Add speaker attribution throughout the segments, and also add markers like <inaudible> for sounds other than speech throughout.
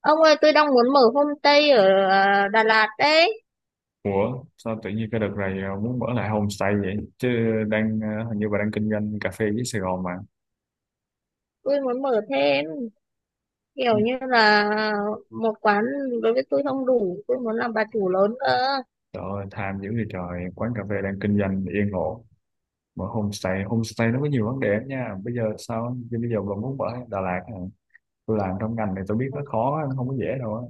Speaker 1: Ông ơi, tôi đang muốn mở homestay ở Đà Lạt đấy.
Speaker 2: Ủa, sao tự nhiên cái đợt này muốn mở lại homestay vậy chứ đang hình như bà đang kinh doanh cà phê với Sài Gòn mà.
Speaker 1: Tôi muốn mở thêm
Speaker 2: Ừ,
Speaker 1: kiểu như là một quán, đối với tôi không đủ. Tôi muốn làm bà chủ lớn cơ.
Speaker 2: trời ơi, tham dữ vậy trời, quán cà phê đang kinh doanh yên ổn, mở homestay. Homestay nó có nhiều vấn đề lắm nha. Bây giờ sao chứ, bây giờ bà muốn mở ở Đà Lạt hả? Tôi làm trong ngành này tôi biết nó khó, nó không có dễ đâu á.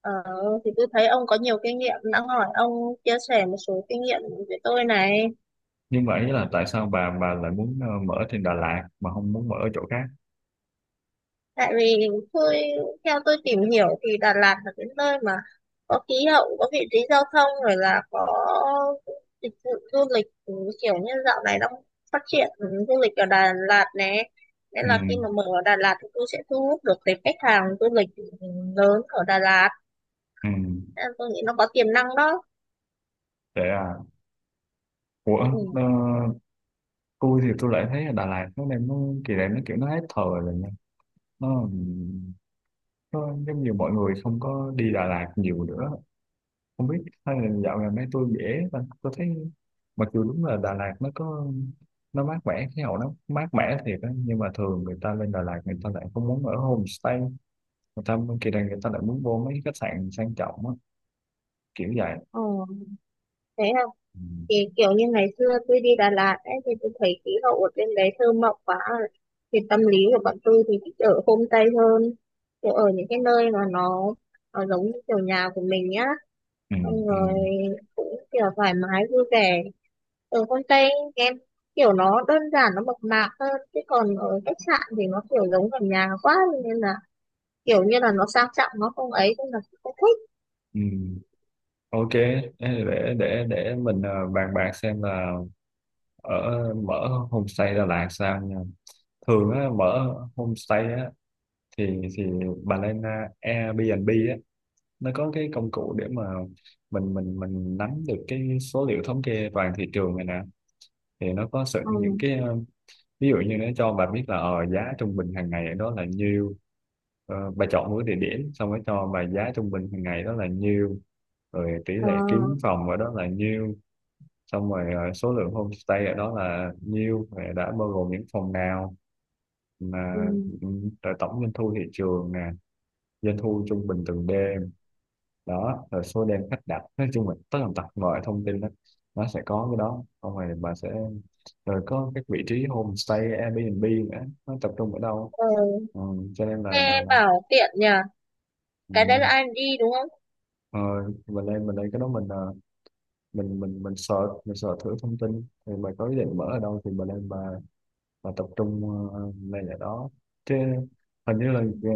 Speaker 1: Ờ, thì tôi thấy ông có nhiều kinh nghiệm. Đã hỏi ông chia sẻ một số kinh nghiệm với tôi này.
Speaker 2: Nhưng mà ý là tại sao bà lại muốn mở trên Đà Lạt mà không muốn mở ở chỗ khác?
Speaker 1: Tại vì tôi theo tôi tìm hiểu thì Đà Lạt là cái nơi mà có khí hậu, có vị trí giao thông, rồi là có dịch vụ du lịch. Ừ, Kiểu như dạo này đang phát triển du lịch ở Đà Lạt nè, nên
Speaker 2: Ừ.
Speaker 1: là khi mà mở ở Đà Lạt thì tôi sẽ thu hút được cái khách hàng du lịch lớn ở Đà Lạt.
Speaker 2: Ừ.
Speaker 1: Nên là tôi nghĩ nó có tiềm năng đó.
Speaker 2: Để à, ủa, ờ,
Speaker 1: Ừ.
Speaker 2: tôi thì tôi lại thấy ở Đà Lạt nó đang, kỳ này nó kiểu hết thời rồi. Ờ, nó giống như mọi người không có đi Đà Lạt nhiều nữa, không biết, hay là dạo gần đây tôi dễ và tôi thấy mặc dù đúng là Đà Lạt nó có, nó mát mẻ, khí hậu nó mát mẻ thiệt á, nhưng mà thường người ta lên Đà Lạt người ta lại không muốn ở homestay. Người ta kỳ này người ta lại muốn vô mấy cái khách sạn sang trọng á, kiểu vậy.
Speaker 1: Ờ, Thế
Speaker 2: Ừ.
Speaker 1: thì kiểu như ngày xưa tôi đi Đà Lạt ấy thì tôi thấy khí hậu ở bên đấy thơ mộng quá, thì tâm lý của bọn tôi thì thích ở homestay hơn, kiểu ở những cái nơi mà nó giống như kiểu nhà của mình nhá,
Speaker 2: Ừ.
Speaker 1: xong
Speaker 2: Ừ.
Speaker 1: rồi cũng kiểu thoải mái vui vẻ ở homestay em, kiểu nó đơn giản, nó mộc mạc hơn, chứ còn ở khách sạn thì nó kiểu giống gần nhà quá, nên là kiểu như là nó sang trọng nó không ấy, nên là cũng không thích.
Speaker 2: Ừ. Ok, để mình bàn bạc xem là ở mở homestay Đà Lạt sao nha. Thường á, mở homestay á, thì bà lên à, Airbnb á, nó có cái công cụ để mà mình nắm được cái số liệu thống kê toàn thị trường này nè, thì nó có sự
Speaker 1: Ừ.
Speaker 2: những cái ờ, ví dụ như nó cho bà biết là giá trung bình hàng ngày đó là nhiêu. Ờ, bà chọn một cái địa điểm xong rồi cho bà giá trung bình hàng ngày đó là nhiêu, rồi tỷ
Speaker 1: Ờ.
Speaker 2: lệ kiếm phòng ở đó là nhiêu, xong rồi số lượng homestay ở đó là nhiêu rồi đã bao gồm những phòng nào
Speaker 1: Ừ.
Speaker 2: mà. Ừ, rồi tổng doanh thu thị trường nè, doanh thu trung bình từng đêm đó, rồi số đêm khách đặt, nói chung là tất tần tật mọi thông tin đó, nó sẽ có cái đó. Xong rồi bà sẽ, rồi có các vị trí homestay Airbnb nữa, nó tập trung ở đâu.
Speaker 1: Ờ,
Speaker 2: Ừ, cho nên là là,
Speaker 1: nghe
Speaker 2: là
Speaker 1: bảo tiện nhỉ. Cái đấy là
Speaker 2: ừ,
Speaker 1: ai đi đúng không?
Speaker 2: ờ, mình lên cái đó, mình ờ, mình search thử thông tin. Thì bà có ý định mở ở đâu thì bà lên bà và tập trung lên ở đó chứ. Hình như là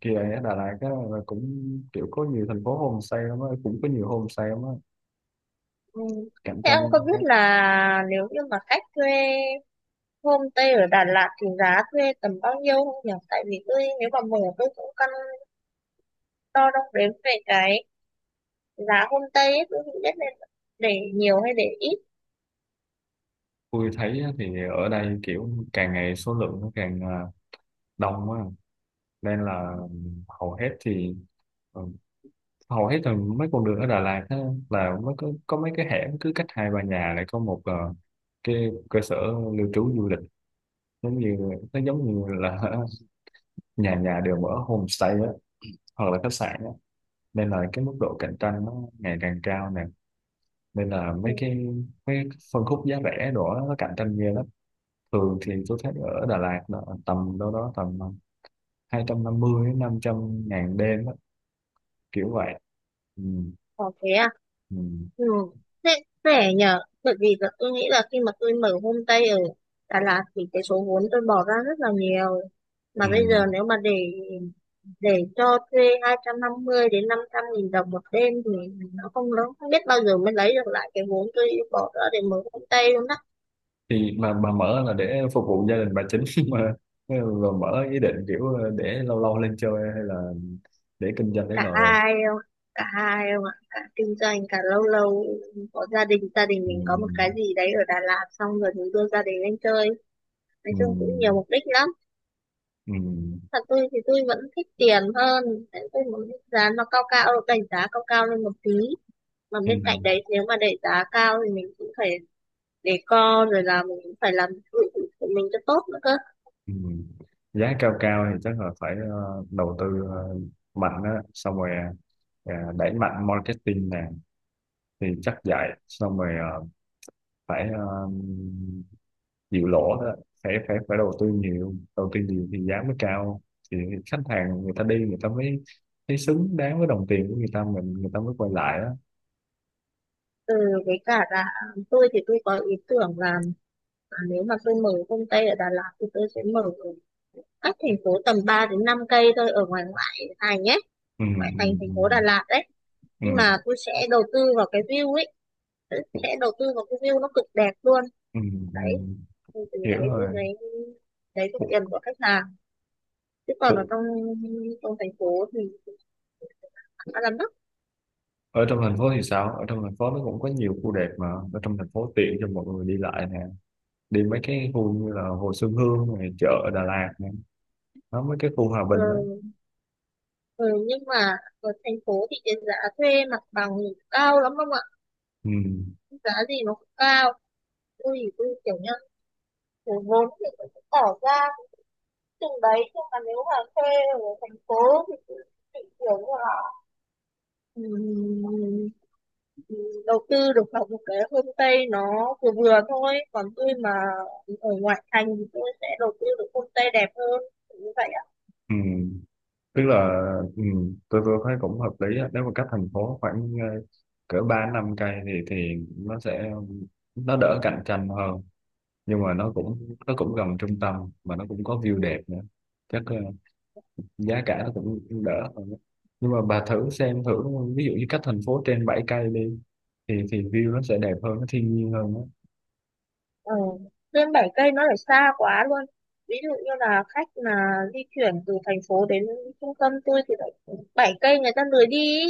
Speaker 2: kỳ này ở Đà Lạt á, là cũng kiểu có nhiều thành phố homestay lắm á, cũng có nhiều homestay lắm á,
Speaker 1: Ừ.
Speaker 2: cạnh
Speaker 1: Thế ông
Speaker 2: tranh
Speaker 1: có biết
Speaker 2: các.
Speaker 1: là nếu như mà khách thuê homestay ở Đà Lạt thì giá thuê tầm bao nhiêu không nhỉ? Tại vì tôi nếu mà mở tôi cũng căn đo đong đếm về cái giá homestay ấy, tôi không biết nên để nhiều hay để ít.
Speaker 2: Tôi thấy á, thì ở đây kiểu càng ngày số lượng nó càng đông á, nên là hầu hết thì ừ, hầu hết là mấy con đường ở Đà Lạt á, là mới có mấy cái hẻm cứ cách 2-3 nhà lại có một cái cơ sở lưu trú du lịch, giống như, nó giống như là <laughs> nhà nhà đều mở homestay á, hoặc là khách sạn á. Nên là cái mức độ cạnh tranh nó ngày càng cao nè, nên là mấy cái
Speaker 1: Ừ.
Speaker 2: mấy cái phân khúc giá rẻ đó nó cạnh tranh ghê lắm. Thường thì tôi thấy ở Đà Lạt là tầm đâu đó tầm 250 đến 500 ngàn đêm á, kiểu vậy. Ừ.
Speaker 1: Có thế à?
Speaker 2: Ừ.
Speaker 1: Ừ. Thế rẻ nhờ, bởi vì là tôi nghĩ là khi mà tôi mở homestay ở Đà Lạt thì cái số vốn tôi bỏ ra rất là nhiều,
Speaker 2: Ừ.
Speaker 1: mà bây giờ nếu mà để cho thuê 250.000 đến 500.000 đồng một đêm thì nó không lớn, không biết bao giờ mới lấy được lại cái vốn tôi bỏ ra để mở công ty luôn đó.
Speaker 2: Thì mà mở là để phục vụ gia đình bà chính <laughs> mà, rồi mở ý định kiểu để lâu lâu lên chơi hay là để kinh doanh lấy
Speaker 1: cả
Speaker 2: lời.
Speaker 1: hai không Cả hai không ạ, cả kinh doanh cả lâu lâu, có gia đình
Speaker 2: Ừ.
Speaker 1: mình có một cái gì đấy ở Đà Lạt xong rồi mình đưa gia đình lên chơi, nói
Speaker 2: Ừ.
Speaker 1: chung cũng nhiều mục đích lắm.
Speaker 2: Ừ.
Speaker 1: Thật tôi thì tôi vẫn thích tiền hơn, tôi muốn giá nó cao cao, đẩy giá cao cao lên một tí, mà
Speaker 2: Ừ.
Speaker 1: bên cạnh đấy nếu mà đẩy giá cao thì mình cũng phải để co, rồi là mình cũng phải làm nội thất của mình cho tốt nữa cơ.
Speaker 2: Ừ. Giá cao cao thì chắc là phải đầu tư mạnh á, xong rồi đẩy mạnh marketing nè, thì chắc vậy. Xong rồi phải chịu lỗ đó. Phải phải phải đầu tư nhiều, đầu tư nhiều thì giá mới cao, thì khách hàng người ta đi người ta mới thấy xứng đáng với đồng tiền của người ta, mình người ta mới quay lại đó.
Speaker 1: Ừ, với cả là tôi thì tôi có ý tưởng là nếu mà tôi mở công ty ở Đà Lạt thì tôi sẽ mở ở cách thành phố tầm 3 đến 5 cây thôi, ở ngoài ngoại thành nhé,
Speaker 2: Ừ. Ừ.
Speaker 1: ngoại thành thành phố Đà
Speaker 2: Ừ.
Speaker 1: Lạt đấy. Nhưng
Speaker 2: Ừ.
Speaker 1: mà tôi sẽ đầu tư vào cái view ấy, tôi
Speaker 2: Ừ.
Speaker 1: sẽ đầu tư vào cái view nó cực đẹp luôn.
Speaker 2: Ừ. Ừ.
Speaker 1: Đấy, thì từ
Speaker 2: Hiểu
Speaker 1: đấy tôi
Speaker 2: rồi.
Speaker 1: lấy được
Speaker 2: Ủa,
Speaker 1: tiền của khách hàng, chứ còn ở
Speaker 2: ủa,
Speaker 1: trong trong thành phố thì khá là mắc.
Speaker 2: ở trong thành phố thì sao, ở trong thành phố nó cũng có nhiều khu đẹp mà. Ở trong thành phố tiện cho mọi người đi lại nè, đi mấy cái khu như là Hồ Xuân Hương này, chợ ở Đà Lạt nè, nó mấy cái khu Hòa
Speaker 1: Ờ.
Speaker 2: Bình đó.
Speaker 1: Ừ, nhưng mà ở thành phố thì cái giá thuê mặt bằng thì cao lắm không ạ?
Speaker 2: Ừ.
Speaker 1: Giá gì nó cũng cao. Tôi thì tôi kiểu như cái vốn thì tôi cũng bỏ ra cũng chừng đấy. Nhưng mà nếu mà thuê ở thành phố thì tôi chỉ kiểu như là ừm, đầu tư được vào một cái homestay nó vừa vừa thôi. Còn tôi mà ở ngoại thành thì tôi sẽ đầu tư được homestay đẹp hơn. Kiểu như vậy.
Speaker 2: Ừ. Tức là ừ, tôi thấy cũng hợp lý á. Nếu mà cách thành phố khoảng cỡ 3-5 cây thì nó sẽ, nó đỡ cạnh tranh hơn, nhưng mà nó cũng gần trung tâm mà nó cũng có view đẹp nữa, chắc giá cả nó cũng đỡ hơn á. Nhưng mà bà thử xem thử, ví dụ như cách thành phố trên 7 cây đi, thì view nó sẽ đẹp hơn, nó thiên nhiên hơn á.
Speaker 1: Ừ. Lên 7 cây nó lại xa quá luôn. Ví dụ như là khách mà di chuyển từ thành phố đến trung tâm tôi thì lại 7 cây người ta lười đi ý.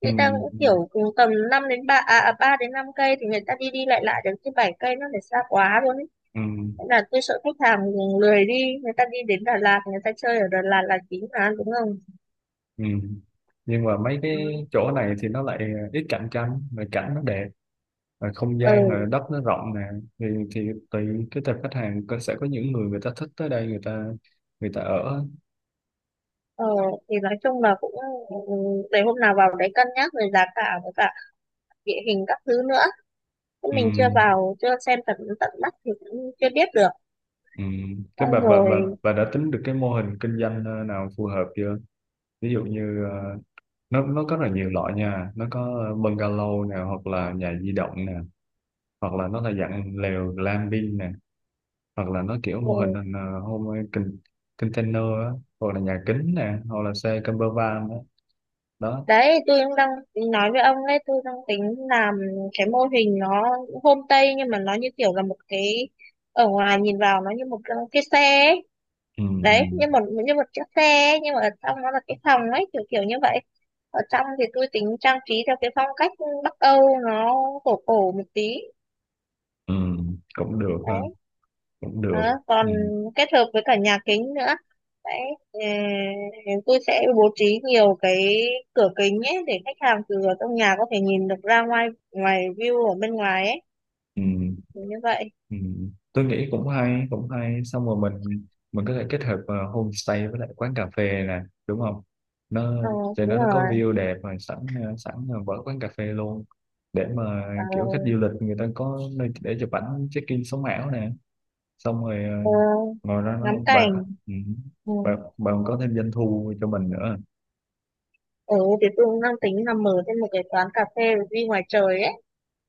Speaker 1: Người ta cũng
Speaker 2: Ừ.
Speaker 1: kiểu cùng tầm 5 đến 3 à 3 đến 5 cây thì người ta đi đi lại lại được, chứ 7 cây nó lại xa quá luôn ý.
Speaker 2: Ừ.
Speaker 1: Thế là tôi sợ khách hàng lười đi, người ta đi đến Đà Lạt, người ta chơi ở Đà Lạt là chính mà đúng không?
Speaker 2: Ừ. Ừ. Nhưng mà mấy
Speaker 1: Ừ.
Speaker 2: cái chỗ này thì nó lại ít cạnh tranh mà cảnh nó đẹp, rồi không gian,
Speaker 1: Ừ.
Speaker 2: rồi đất nó rộng nè, thì tùy cái tập khách hàng sẽ có những người, người ta thích tới đây, người ta, người ta ở á.
Speaker 1: ờ, thì nói chung là cũng, ừ, để hôm nào vào đấy cân nhắc về giá cả với cả địa hình các thứ nữa. Chứ
Speaker 2: Ừ.
Speaker 1: mình chưa vào chưa xem tận tận mắt thì cũng chưa biết được,
Speaker 2: Ừ. Thế bà,
Speaker 1: xong
Speaker 2: bà bà
Speaker 1: rồi.
Speaker 2: bà đã tính được cái mô hình kinh doanh nào phù hợp chưa? Ví dụ như nó có rất là nhiều loại nha, nó có bungalow nè, hoặc là nhà di động nè, hoặc là nó là dạng lều glamping nè, hoặc là nó kiểu mô hình
Speaker 1: Ừ.
Speaker 2: container á, hoặc là nhà kính nè, hoặc là xe camper van á đó.
Speaker 1: Đấy tôi cũng đang nói với ông đấy, tôi đang tính làm cái mô hình nó homestay nhưng mà nó như kiểu là một cái, ở ngoài nhìn vào nó như một cái xe ấy.
Speaker 2: Ừ. Ừ.
Speaker 1: Đấy, như một, như một chiếc xe ấy, nhưng mà ở trong nó là cái phòng ấy kiểu kiểu như vậy. Ở trong thì tôi tính trang trí theo cái phong cách Bắc Âu, nó cổ cổ một tí
Speaker 2: Ừ, cũng được ha,
Speaker 1: đấy.
Speaker 2: cũng được.
Speaker 1: Đó, còn
Speaker 2: Ừ.
Speaker 1: kết hợp với cả nhà kính nữa đấy. ờ, tôi sẽ bố trí nhiều cái cửa kính ấy để khách hàng từ ở trong nhà có thể nhìn được ra ngoài, ngoài view ở bên ngoài ấy.
Speaker 2: Ừ.
Speaker 1: Thì như vậy.
Speaker 2: Ừ, tôi nghĩ cũng hay, cũng hay. Xong rồi mình có thể kết hợp homestay với lại quán cà phê nè, đúng không? Nó
Speaker 1: Ờ,
Speaker 2: cho nó,
Speaker 1: đúng
Speaker 2: có
Speaker 1: rồi.
Speaker 2: view đẹp rồi sẵn sẵn là vỡ quán cà phê luôn, để mà
Speaker 1: Ờ.
Speaker 2: kiểu khách du lịch người ta có nơi để chụp ảnh check in sống ảo nè, xong rồi ờ,
Speaker 1: Ờ,
Speaker 2: ngồi ra
Speaker 1: ngắm
Speaker 2: nó bạn
Speaker 1: cảnh.
Speaker 2: ừ,
Speaker 1: Ừ.
Speaker 2: bạn bạn có thêm doanh thu cho mình nữa.
Speaker 1: Ừ, thì tôi cũng đang tính là mở thêm một cái quán cà phê view ngoài trời ấy.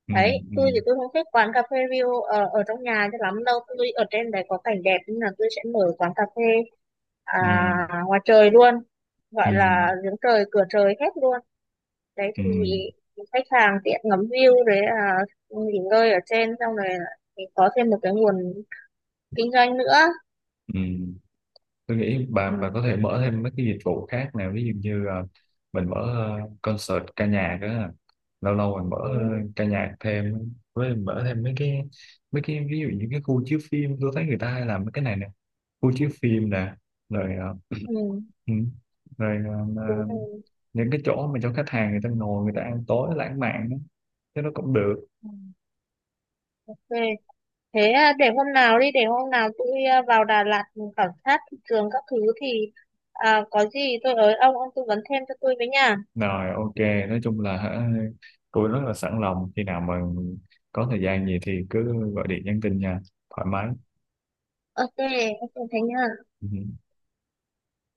Speaker 2: Ừ.
Speaker 1: Đấy
Speaker 2: Ừ.
Speaker 1: tôi thì tôi không thích quán cà phê view ở trong nhà cho lắm đâu, tôi ở trên đấy có cảnh đẹp nên là tôi sẽ mở quán cà phê à,
Speaker 2: Ừ.
Speaker 1: ngoài trời luôn,
Speaker 2: Ừ.
Speaker 1: gọi là giếng trời cửa trời hết luôn đấy.
Speaker 2: Ừ.
Speaker 1: Thì khách hàng tiện ngắm view, đấy là nghỉ ngơi ở trên xong rồi là mình có thêm một cái nguồn kinh doanh nữa.
Speaker 2: Ừ. Tôi nghĩ
Speaker 1: Ừ.
Speaker 2: bà có thể mở thêm mấy cái dịch vụ khác nào, ví dụ như mình mở concert ca nhạc á, lâu lâu mình mở
Speaker 1: Ừ.
Speaker 2: ca nhạc thêm, với mình mở thêm mấy cái ví dụ như cái khu chiếu phim, tôi thấy người ta hay làm mấy cái này nè, khu chiếu phim nè, rồi
Speaker 1: Ừ.
Speaker 2: ừ, rồi ờ,
Speaker 1: Đúng rồi.
Speaker 2: những cái chỗ mà cho khách hàng người ta ngồi người ta ăn tối lãng mạn đó. Thế nó cũng được.
Speaker 1: Ừ. Ok. Thế à, để hôm nào đi, để hôm nào tôi vào Đà Lạt mình khảo sát thị trường các thứ, thì có gì tôi ới ông tư vấn thêm cho tôi với nha.
Speaker 2: Rồi, ok, nói chung là hả, tôi rất là sẵn lòng, khi nào mà có thời gian gì thì cứ gọi điện nhắn tin nha, thoải mái.
Speaker 1: Ok, ok, thế nha.
Speaker 2: Ừ.